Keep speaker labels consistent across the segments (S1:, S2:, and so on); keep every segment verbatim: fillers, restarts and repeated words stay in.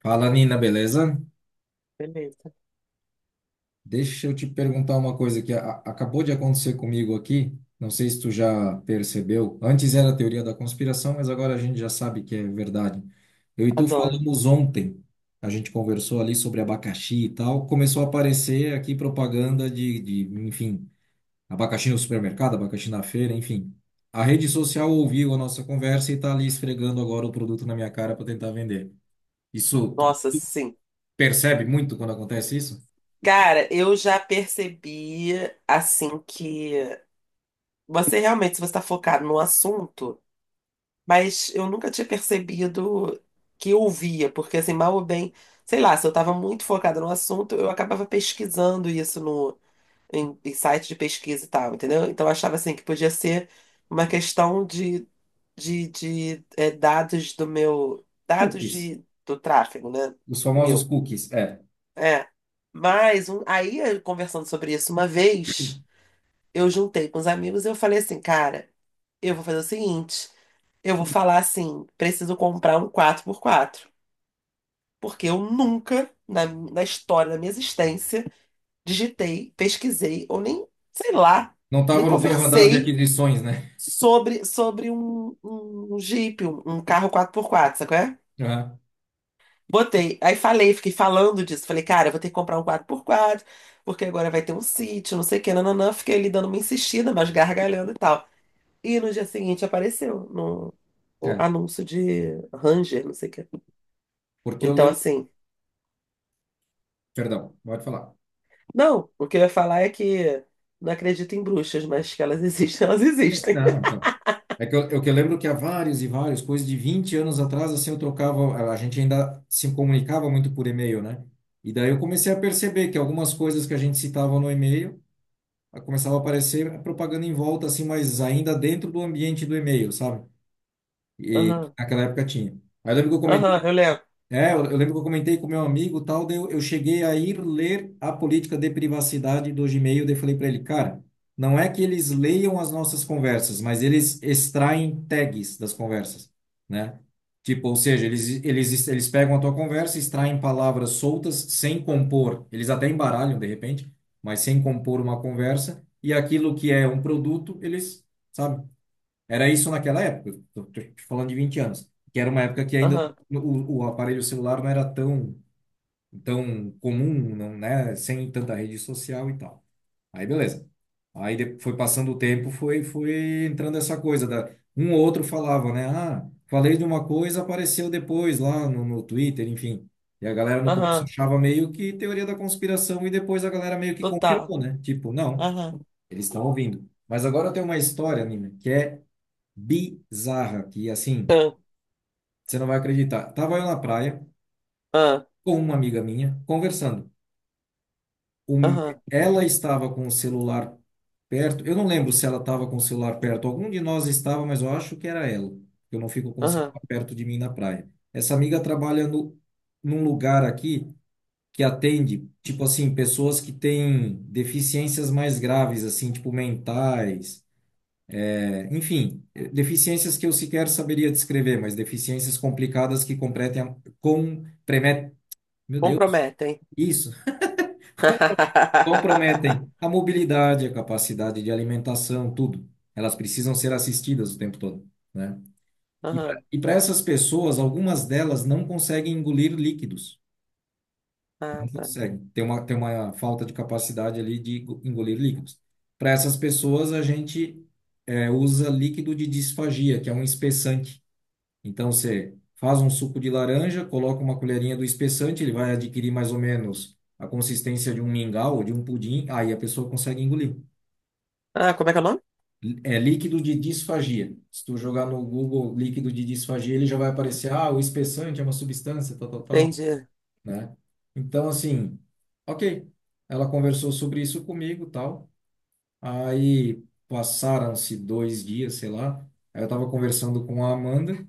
S1: Fala, Nina, beleza?
S2: Beleza.
S1: Deixa eu te perguntar uma coisa que a- acabou de acontecer comigo aqui. Não sei se tu já percebeu. Antes era a teoria da conspiração, mas agora a gente já sabe que é verdade. Eu e tu
S2: Adoro.
S1: falamos ontem. A gente conversou ali sobre abacaxi e tal. Começou a aparecer aqui propaganda de, de, enfim, abacaxi no supermercado, abacaxi na feira, enfim. A rede social ouviu a nossa conversa e tá ali esfregando agora o produto na minha cara para tentar vender. Isso, tu
S2: Nossa, sim.
S1: percebe muito quando acontece isso?
S2: Cara, eu já percebi, assim, que você realmente, se você está focado no assunto, mas eu nunca tinha percebido que eu ouvia, porque, assim, mal ou bem, sei lá, se eu estava muito focada no assunto, eu acabava pesquisando isso no, em, em site de pesquisa e tal, entendeu? Então, eu achava, assim, que podia ser uma questão de, de, de eh, dados do meu, dados
S1: Cookies.
S2: de, do tráfego, né?
S1: Os famosos
S2: Meu.
S1: cookies, é.
S2: É. Mas um- aí, eu conversando sobre isso uma vez, eu juntei com os amigos e eu falei assim, cara, eu vou fazer o seguinte, eu vou falar assim, preciso comprar um quatro por quatro porque eu nunca, na, na história da minha existência, digitei, pesquisei, ou nem, sei lá,
S1: Não
S2: nem
S1: estava no teu radar de
S2: conversei
S1: aquisições, né?
S2: sobre, sobre um, um um Jeep, um, um carro quatro por quatro, sabe?
S1: Aham,
S2: Botei. Aí falei, fiquei falando disso. Falei, cara, eu vou ter que comprar um quadro por quadro, porque agora vai ter um sítio, não sei o que, nananã. Fiquei ali dando uma insistida, mas gargalhando e tal. E no dia seguinte apareceu no, o
S1: é,
S2: anúncio de Ranger, não sei o que.
S1: porque eu
S2: Então,
S1: lembro.
S2: assim,
S1: Perdão, pode falar.
S2: não, o que eu ia falar é que não acredito em bruxas, mas que elas existem, elas
S1: É,
S2: existem.
S1: não, então. É que eu, eu que eu lembro que há vários e vários, coisas de vinte anos atrás, assim, eu trocava. A gente ainda se comunicava muito por e-mail, né? E daí eu comecei a perceber que algumas coisas que a gente citava no e-mail a- começava a aparecer a propaganda em volta, assim, mas ainda dentro do ambiente do e-mail, sabe? E que
S2: Aham,
S1: naquela época tinha. Aí eu lembro que eu comentei.
S2: aham, eu lembro.
S1: É, eu, eu lembro que eu comentei com meu amigo, tal, daí eu, eu cheguei a ir ler a política de privacidade do Gmail, daí eu falei para ele, cara, não é que eles leiam as nossas conversas, mas eles extraem tags das conversas, né? Tipo, ou seja, eles, eles, eles pegam a tua conversa, extraem palavras soltas sem compor, eles até embaralham de repente, mas sem compor uma conversa, e aquilo que é um produto, eles, sabe? Era isso naquela época, tô, tô te falando de vinte anos, que era uma época que ainda
S2: Aham,
S1: o, o aparelho celular não era tão, tão comum, não, né? Sem tanta rede social e tal. Aí beleza. Aí de- foi passando o tempo, foi, foi entrando essa coisa da um ou outro falava, né? Ah, falei de uma coisa, apareceu depois lá no, no Twitter, enfim. E a galera no começo
S2: aham,
S1: achava meio que teoria da conspiração e depois a galera meio que
S2: total.
S1: confirmou, né? Tipo, não,
S2: Aham,
S1: eles estão ouvindo. Mas agora tem uma história, Nina, que é bizarra, que assim,
S2: aham,
S1: você não vai acreditar. Tava eu na praia com uma amiga minha, conversando. Um-
S2: aham,
S1: Ela estava com o celular perto, eu não lembro se ela estava com o celular perto, algum de nós estava, mas eu acho que era ela. Eu não fico com o
S2: aham.
S1: celular perto de mim na praia. Essa amiga trabalha no, num lugar aqui que atende, tipo assim, pessoas que têm deficiências mais graves, assim, tipo mentais. Enfim, eh, deficiências que eu sequer saberia descrever, mas deficiências complicadas que compretem, a- com, premet meu Deus,
S2: Comprometem.
S1: isso, com- comprometem a mobilidade, a capacidade de alimentação, tudo. Elas precisam ser assistidas o tempo todo, né? E para
S2: Aham.
S1: e para essas pessoas, algumas delas não conseguem engolir líquidos,
S2: Ah,
S1: não
S2: tá.
S1: conseguem. Tem uma, tem uma falta de capacidade ali de go- engolir líquidos. Para essas pessoas, a gente eh, usa líquido de disfagia, que é um espessante. Então você faz um suco de laranja, coloca uma colherinha do espessante, ele vai adquirir mais ou menos a consistência de um mingau ou de um pudim, aí a pessoa consegue engolir.
S2: Ah, como é que é o nome?
S1: É líquido de disfagia. Se tu jogar no Google líquido de disfagia, ele já vai aparecer, ah, o espessante é uma substância, tal, tal, tal,
S2: Entendi.
S1: né? Então, assim, ok. Ela conversou sobre isso comigo, tal. Aí passaram-se dois dias, sei lá. Aí eu tava conversando com a Amanda,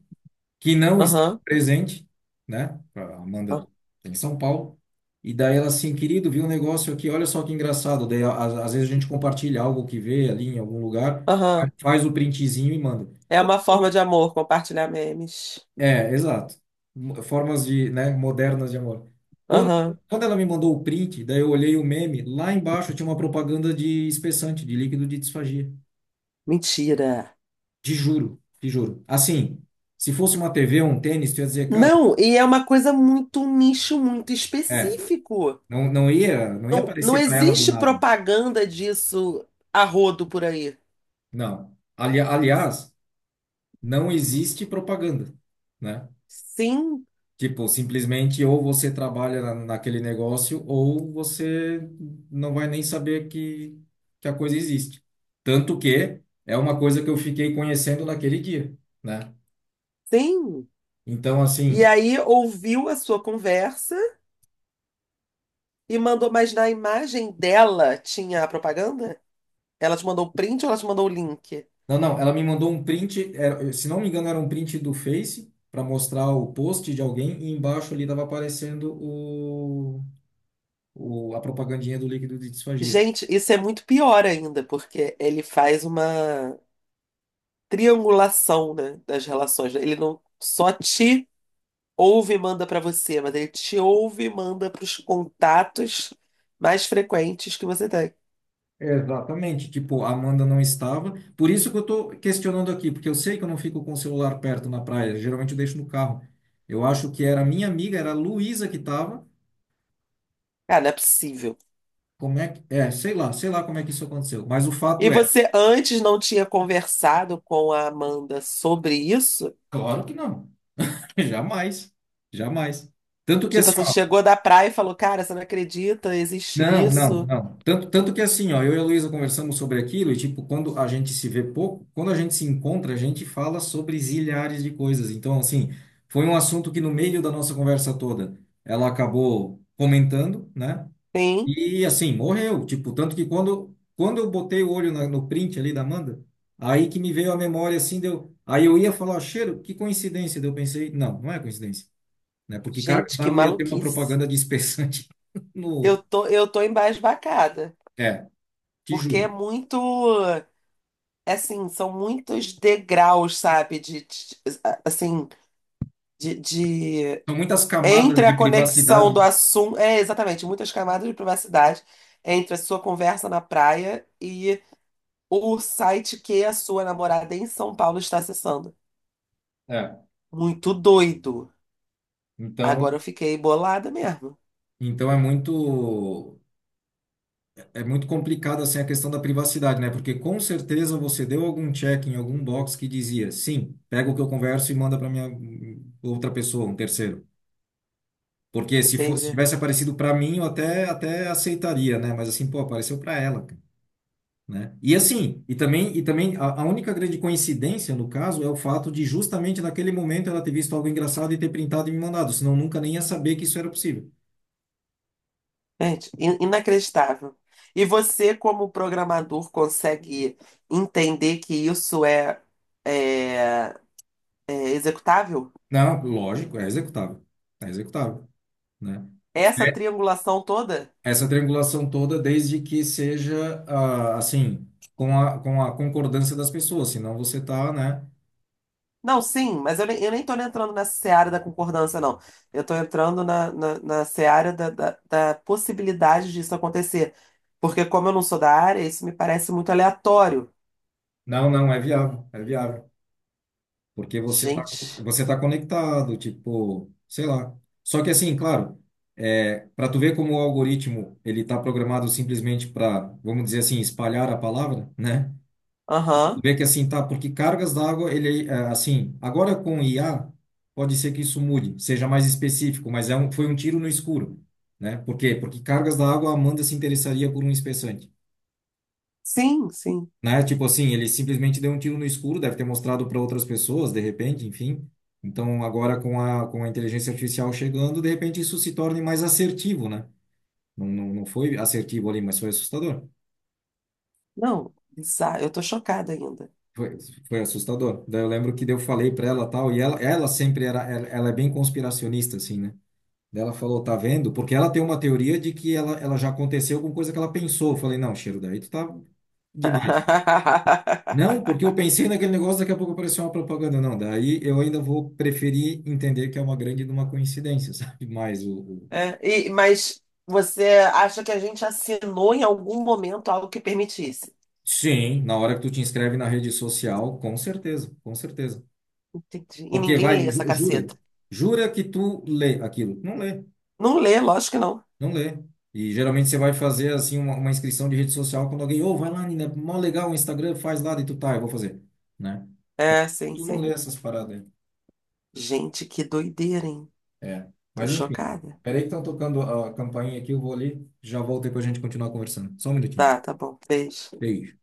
S1: que não está
S2: Aham.
S1: presente, né? A Amanda
S2: Ah,
S1: tem em São Paulo. E daí ela assim, querido, viu um negócio aqui, olha só que engraçado. Daí, às, às vezes a gente compartilha algo que vê ali em algum lugar,
S2: aham.
S1: fa- faz o printzinho e manda.
S2: É uma forma de amor compartilhar memes.
S1: É, exato. Mo- Formas de, né, modernas de amor. Quando,
S2: Aham.
S1: Quando ela me mandou o print, daí eu olhei o meme, lá embaixo tinha uma propaganda de espessante, de líquido de disfagia.
S2: Mentira.
S1: Te juro, te juro. Assim, se fosse uma T V ou um tênis, tu ia dizer, cara,
S2: Não, e é uma coisa muito, um nicho muito
S1: é,
S2: específico.
S1: não, não ia, não ia
S2: Não, não
S1: aparecer para ela do
S2: existe
S1: nada.
S2: propaganda disso a rodo por aí.
S1: Não. Ali- aliás, não existe propaganda, né?
S2: Sim,
S1: Tipo, simplesmente ou você trabalha na, naquele negócio ou você não vai nem saber que, que a coisa existe. Tanto que é uma coisa que eu fiquei conhecendo naquele dia, né?
S2: sim.
S1: Então,
S2: E
S1: assim,
S2: aí ouviu a sua conversa e mandou, mas na imagem dela tinha a propaganda? Ela te mandou o print ou ela te mandou o link?
S1: não, não, ela me mandou um print, era- se não me engano, era um print do Face para mostrar o post de alguém e embaixo ali estava aparecendo o, a propagandinha do líquido de disfagia.
S2: Gente, isso é muito pior ainda, porque ele faz uma triangulação, né, das relações, né. Ele não só te ouve e manda para você, mas ele te ouve e manda para os contatos mais frequentes que você tem.
S1: Exatamente. Tipo, a Amanda não estava. Por isso que eu tô questionando aqui, porque eu sei que eu não fico com o celular perto na praia. Geralmente eu deixo no carro. Eu acho que era a minha amiga, era a Luísa que estava.
S2: Cara, não é possível.
S1: Como é que. É, sei lá, sei lá como é que isso aconteceu. Mas o
S2: E
S1: fato é,
S2: você antes não tinha conversado com a Amanda sobre isso?
S1: claro que não. Jamais. Jamais. Tanto que
S2: Tipo
S1: assim.
S2: assim, chegou da praia e falou: cara, você não acredita, existe
S1: Não, não,
S2: isso.
S1: não. Tanto, tanto que assim, ó, eu e a Luísa conversamos sobre aquilo e, tipo, quando a gente se vê pouco, quando a gente se encontra, a gente fala sobre zilhares de coisas. Então, assim, foi um assunto que no meio da nossa conversa toda ela acabou comentando, né?
S2: Sim.
S1: E, assim, morreu. Tipo, tanto que quando, quando eu botei o olho na- no print ali da Amanda, aí que me veio a memória, assim, deu. Aí eu ia falar, cheiro, que coincidência. Daí eu pensei, não, não é coincidência, né? Porque cargas
S2: Gente, que
S1: d'água ia ter uma
S2: maluquice.
S1: propaganda de espessante. No.
S2: Eu tô, eu tô embasbacada.
S1: É, te
S2: Porque é
S1: juro.
S2: muito, é assim, são muitos degraus, sabe? De, de- assim, de, de-
S1: São muitas camadas
S2: entre
S1: de
S2: a conexão
S1: privacidade.
S2: do assunto, é exatamente, muitas camadas de privacidade entre a sua conversa na praia e o site que a sua namorada em São Paulo está acessando.
S1: É.
S2: Muito doido.
S1: Então,
S2: Agora eu fiquei bolada mesmo.
S1: então é muito, é muito complicado assim a questão da privacidade, né? Porque com certeza você deu algum check em algum box que dizia, sim, pega o que eu converso e manda para minha hum, outra pessoa, um terceiro. Porque se fosse, se
S2: Entendi.
S1: tivesse aparecido para mim, eu até até aceitaria, né? Mas assim, pô, apareceu para ela, cara. Né? E assim, e também, e também a, a única grande coincidência no caso é o fato de justamente naquele momento ela ter visto algo engraçado e ter printado e me mandado, senão nunca nem ia saber que isso era possível.
S2: Gente, in- inacreditável. E você, como programador, consegue entender que isso é, é, é executável?
S1: Não, lógico, é executável, é executável, né?
S2: Essa
S1: É,
S2: triangulação toda?
S1: essa triangulação toda, desde que seja ah, assim, com a, com a concordância das pessoas, senão você tá, né?
S2: Não, sim, mas eu nem, eu nem tô entrando nessa seara da concordância, não. Eu tô entrando na, na, na seara da, da, da possibilidade disso acontecer. Porque como eu não sou da área, isso me parece muito aleatório.
S1: Não, não, é viável, é viável. Porque você tá,
S2: Gente,
S1: você tá conectado, tipo, sei lá. Só que assim, claro, é, para tu ver como o algoritmo ele tá programado simplesmente para, vamos dizer assim, espalhar a palavra, né? Tu
S2: aham.
S1: vê que assim, tá, porque cargas d'água, ele é, assim, agora com I A, pode ser que isso mude, seja mais específico, mas é um, foi um tiro no escuro, né? Por quê? Porque cargas d'água, a Amanda se interessaria por um espessante?
S2: Sim, sim.
S1: Né? Tipo assim, ele simplesmente deu um tiro no escuro, deve ter mostrado para outras pessoas, de repente, enfim. Então, agora com a, com a inteligência artificial chegando, de repente isso se torne mais assertivo, né? Não, não, não foi assertivo ali, mas foi assustador.
S2: Não, bizarro. Eu tô chocada ainda.
S1: Foi, foi assustador. Daí eu lembro que daí eu falei para ela tal, e ela, ela sempre era, ela, ela é bem conspiracionista, assim, né? Daí ela falou, tá vendo? Porque ela tem uma teoria de que ela, ela já aconteceu com coisa que ela pensou. Eu falei, não, Cheiro, daí tu tá demais. Não, porque eu pensei naquele negócio, daqui a pouco apareceu uma propaganda. Não, daí eu ainda vou preferir entender que é uma grande de uma coincidência, sabe? Mas o, o-
S2: É, e- mas você acha que a gente assinou em algum momento algo que permitisse?
S1: sim. Na hora que tu te inscreve na rede social, com certeza, com certeza.
S2: Entendi. E
S1: Porque
S2: ninguém lê
S1: vai,
S2: essa
S1: ju- jura,
S2: caceta.
S1: jura que tu lê aquilo. Não lê,
S2: Não lê, lógico que não.
S1: não lê. E geralmente você vai fazer assim uma, uma inscrição de rede social quando alguém, ô, vai lá, Nina, mó legal o Instagram, faz lá, e tu tá, eu vou fazer, né?
S2: É, sim,
S1: Tu não lê
S2: sim.
S1: essas paradas aí.
S2: Gente, que doideira, hein?
S1: É.
S2: Tô
S1: Mas enfim,
S2: chocada.
S1: peraí que estão tocando a campainha aqui, eu vou ali, já volto e depois a gente continuar conversando. Só um minutinho.
S2: Tá, tá bom. Beijo.
S1: Beijo.